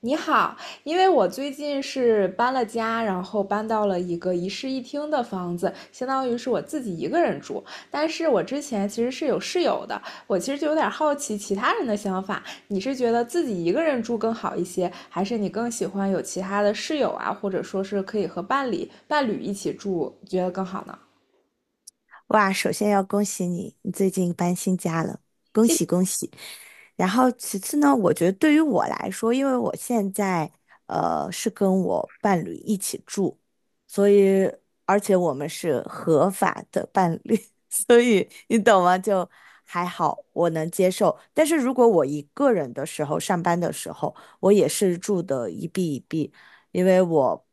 你好，因为我最近是搬了家，然后搬到了一个一室一厅的房子，相当于是我自己一个人住。但是我之前其实是有室友的，我其实就有点好奇其他人的想法。你是觉得自己一个人住更好一些，还是你更喜欢有其他的室友啊，或者说是可以和伴侣一起住，觉得更好呢？哇，首先要恭喜你，你最近搬新家了，恭喜恭喜。然后其次呢，我觉得对于我来说，因为我现在是跟我伴侣一起住，所以而且我们是合法的伴侣，所以你懂吗？就还好，我能接受。但是如果我一个人的时候，上班的时候，我也是住的一壁一壁，因为我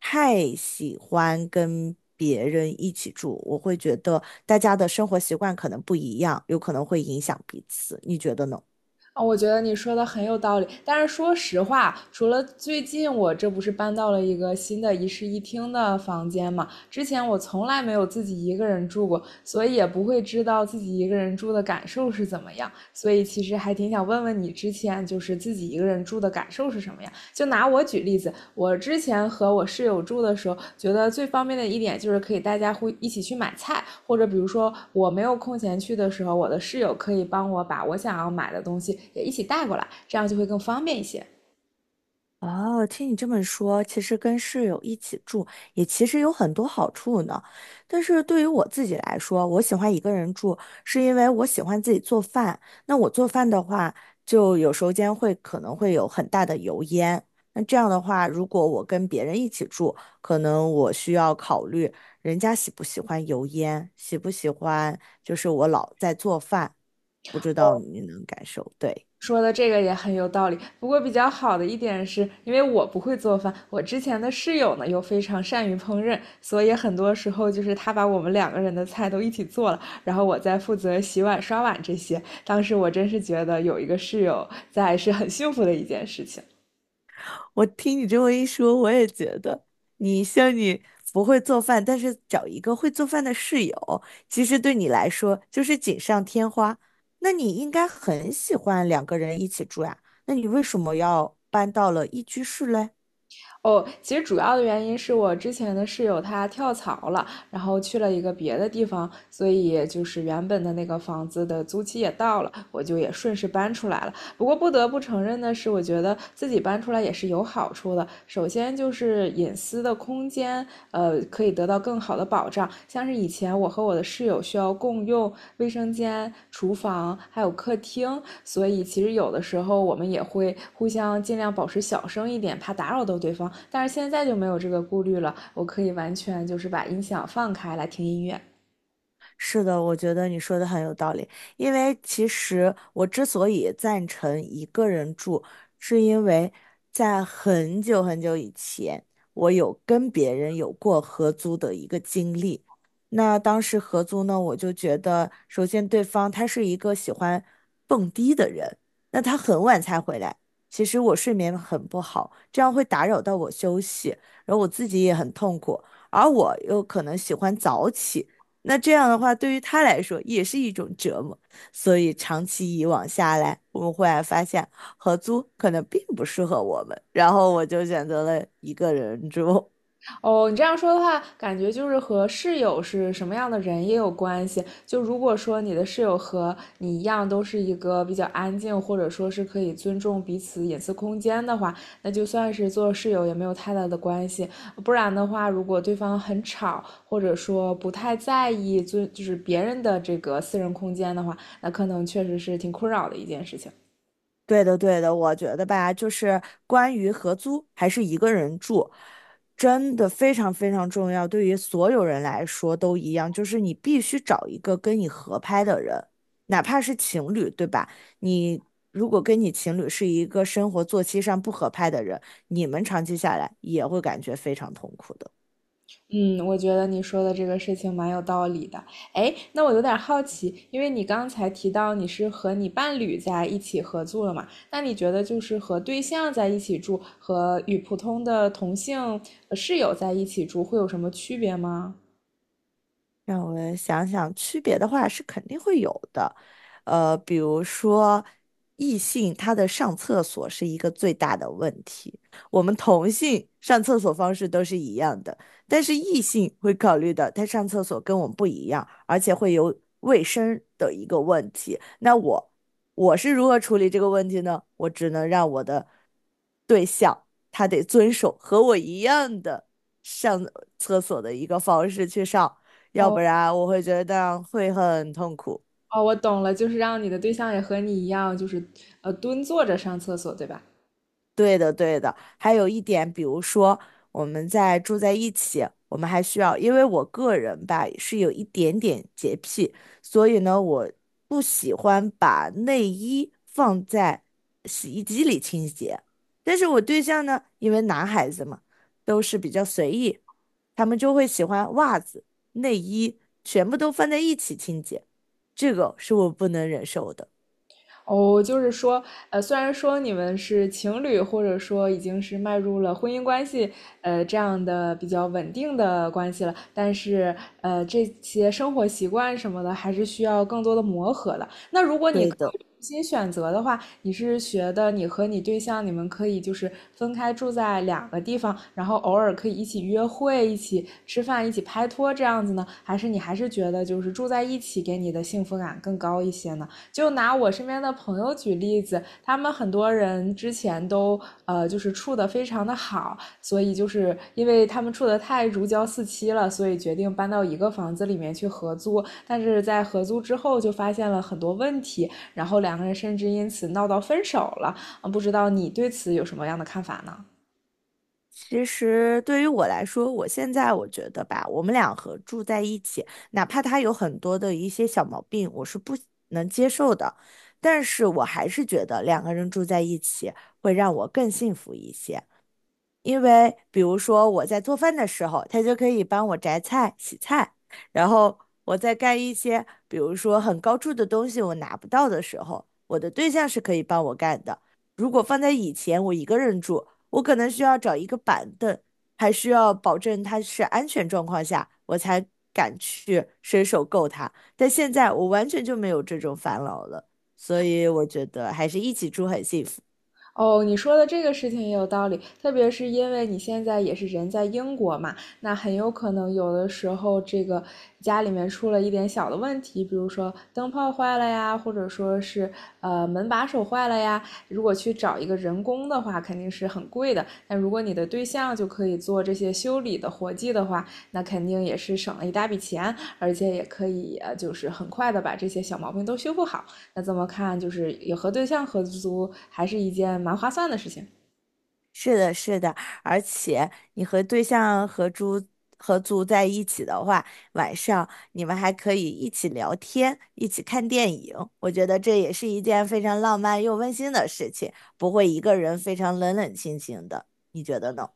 太喜欢跟别人一起住，我会觉得大家的生活习惯可能不一样，有可能会影响彼此。你觉得呢？啊，我觉得你说的很有道理。但是说实话，除了最近我这不是搬到了一个新的一室一厅的房间嘛，之前我从来没有自己一个人住过，所以也不会知道自己一个人住的感受是怎么样。所以其实还挺想问问你，之前就是自己一个人住的感受是什么样？就拿我举例子，我之前和我室友住的时候，觉得最方便的一点就是可以大家会一起去买菜，或者比如说我没有空闲去的时候，我的室友可以帮我把我想要买的东西也一起带过来，这样就会更方便一些。哦，听你这么说，其实跟室友一起住也其实有很多好处呢。但是对于我自己来说，我喜欢一个人住，是因为我喜欢自己做饭。那我做饭的话，就有时候间会可能会有很大的油烟。那这样的话，如果我跟别人一起住，可能我需要考虑人家喜不喜欢油烟，喜不喜欢就是我老在做饭，不知道哦，你能感受，对。说的这个也很有道理，不过比较好的一点是，因为我不会做饭，我之前的室友呢又非常善于烹饪，所以很多时候就是他把我们两个人的菜都一起做了，然后我在负责洗碗、刷碗这些。当时我真是觉得有一个室友在是很幸福的一件事情。我听你这么一说，我也觉得你像你不会做饭，但是找一个会做饭的室友，其实对你来说就是锦上添花。那你应该很喜欢两个人一起住呀，那你为什么要搬到了一居室嘞？哦，其实主要的原因是我之前的室友他跳槽了，然后去了一个别的地方，所以就是原本的那个房子的租期也到了，我就也顺势搬出来了。不过不得不承认的是，我觉得自己搬出来也是有好处的。首先就是隐私的空间，可以得到更好的保障。像是以前我和我的室友需要共用卫生间、厨房还有客厅，所以其实有的时候我们也会互相尽量保持小声一点，怕打扰到对方。但是现在就没有这个顾虑了，我可以完全就是把音响放开来听音乐。是的，我觉得你说的很有道理。因为其实我之所以赞成一个人住，是因为在很久很久以前，我有跟别人有过合租的一个经历。那当时合租呢，我就觉得，首先对方他是一个喜欢蹦迪的人，那他很晚才回来，其实我睡眠很不好，这样会打扰到我休息，然后我自己也很痛苦。而我又可能喜欢早起。那这样的话，对于他来说也是一种折磨。所以长期以往下来，我们忽然发现合租可能并不适合我们，然后我就选择了一个人住。哦，你这样说的话，感觉就是和室友是什么样的人也有关系。就如果说你的室友和你一样，都是一个比较安静，或者说是可以尊重彼此隐私空间的话，那就算是做室友也没有太大的关系。不然的话，如果对方很吵，或者说不太在意尊就是别人的这个私人空间的话，那可能确实是挺困扰的一件事情。对的，对的，我觉得吧，就是关于合租还是一个人住，真的非常非常重要，对于所有人来说都一样，就是你必须找一个跟你合拍的人，哪怕是情侣，对吧？你如果跟你情侣是一个生活作息上不合拍的人，你们长期下来也会感觉非常痛苦的。嗯，我觉得你说的这个事情蛮有道理的。哎，那我有点好奇，因为你刚才提到你是和你伴侣在一起合租了嘛？那你觉得就是和对象在一起住和与普通的同性室友在一起住会有什么区别吗？让我们想想，区别的话是肯定会有的，比如说异性他的上厕所是一个最大的问题，我们同性上厕所方式都是一样的，但是异性会考虑的，他上厕所跟我们不一样，而且会有卫生的一个问题。那我是如何处理这个问题呢？我只能让我的对象他得遵守和我一样的上厕所的一个方式去上。要不哦然我会觉得会很痛苦。哦，我懂了，就是让你的对象也和你一样，就是蹲坐着上厕所，对吧？对的，对的。还有一点，比如说我们在住在一起，我们还需要，因为我个人吧是有一点点洁癖，所以呢，我不喜欢把内衣放在洗衣机里清洁。但是我对象呢，因为男孩子嘛，都是比较随意，他们就会喜欢袜子、内衣全部都放在一起清洁，这个是我不能忍受的。哦，就是说，虽然说你们是情侣，或者说已经是迈入了婚姻关系，这样的比较稳定的关系了，但是，这些生活习惯什么的，还是需要更多的磨合的。那如果你对可的。以重新选择的话，你是觉得你和你对象，你们可以就是分开住在两个地方，然后偶尔可以一起约会、一起吃饭、一起拍拖这样子呢？还是你还是觉得就是住在一起给你的幸福感更高一些呢？就拿我身边的朋友举例子，他们很多人之前都就是处的非常的好，所以就是因为他们处的太如胶似漆了，所以决定搬到一个房子里面去合租。但是在合租之后就发现了很多问题，然后两个人甚至因此闹到分手了。啊，不知道你对此有什么样的看法呢？其实对于我来说，我现在我觉得吧，我们俩合住在一起，哪怕他有很多的一些小毛病，我是不能接受的，但是我还是觉得两个人住在一起会让我更幸福一些。因为比如说我在做饭的时候，他就可以帮我择菜、洗菜，然后我在干一些比如说很高处的东西我拿不到的时候，我的对象是可以帮我干的。如果放在以前，我一个人住，我可能需要找一个板凳，还需要保证它是安全状况下，我才敢去伸手够它。但现在我完全就没有这种烦恼了，所以我觉得还是一起住很幸福。哦，你说的这个事情也有道理，特别是因为你现在也是人在英国嘛，那很有可能有的时候这个家里面出了一点小的问题，比如说灯泡坏了呀，或者说是门把手坏了呀，如果去找一个人工的话，肯定是很贵的。但如果你的对象就可以做这些修理的活计的话，那肯定也是省了一大笔钱，而且也可以就是很快的把这些小毛病都修复好。那这么看，就是也和对象合租还是一件蛮划算的事情。是的，是的，而且你和对象合租在一起的话，晚上你们还可以一起聊天，一起看电影。我觉得这也是一件非常浪漫又温馨的事情，不会一个人非常冷冷清清的。你觉得呢？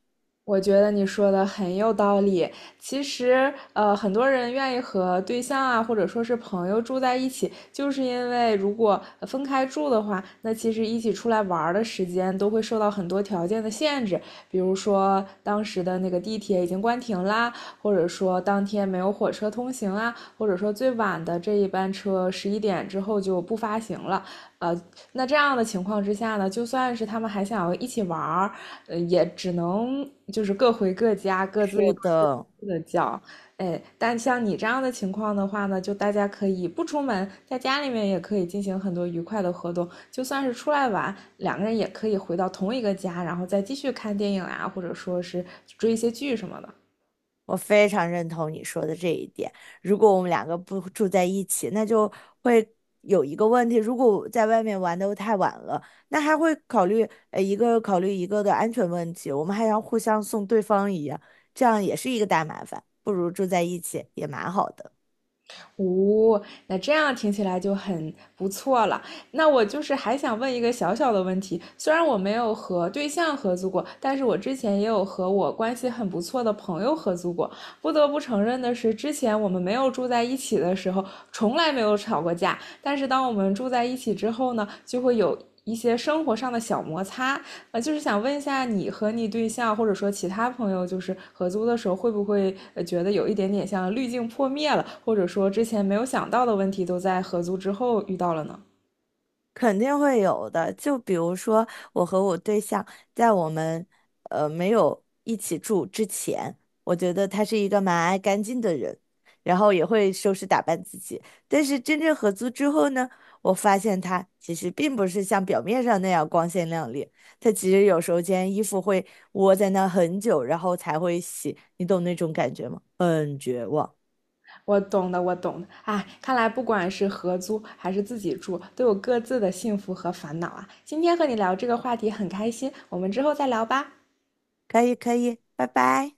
我觉得你说的很有道理。其实，很多人愿意和对象啊，或者说是朋友住在一起，就是因为如果分开住的话，那其实一起出来玩儿的时间都会受到很多条件的限制，比如说当时的那个地铁已经关停啦，或者说当天没有火车通行啊，或者说最晚的这一班车11点之后就不发行了。呃，那这样的情况之下呢，就算是他们还想要一起玩儿，也只能就是各回各家，各自是各的，自的叫。哎，但像你这样的情况的话呢，就大家可以不出门，在家里面也可以进行很多愉快的活动。就算是出来玩，两个人也可以回到同一个家，然后再继续看电影啊，或者说是追一些剧什么的。我非常认同你说的这一点。如果我们两个不住在一起，那就会有一个问题：如果在外面玩的太晚了，那还会考虑一个的安全问题，我们还要互相送对方一样，这样也是一个大麻烦。不如住在一起也蛮好的。哦，那这样听起来就很不错了。那我就是还想问一个小小的问题，虽然我没有和对象合租过，但是我之前也有和我关系很不错的朋友合租过。不得不承认的是，之前我们没有住在一起的时候，从来没有吵过架，但是当我们住在一起之后呢，就会有一些生活上的小摩擦。就是想问一下，你和你对象或者说其他朋友，就是合租的时候，会不会觉得有一点点像滤镜破灭了，或者说之前没有想到的问题，都在合租之后遇到了呢？肯定会有的。就比如说，我和我对象在我们没有一起住之前，我觉得他是一个蛮爱干净的人，然后也会收拾打扮自己。但是真正合租之后呢，我发现他其实并不是像表面上那样光鲜亮丽，他其实有时候间衣服会窝在那很久，然后才会洗。你懂那种感觉吗？很绝望。我懂的，我懂的。哎，看来不管是合租还是自己住，都有各自的幸福和烦恼啊。今天和你聊这个话题很开心，我们之后再聊吧。可以，可以，拜拜。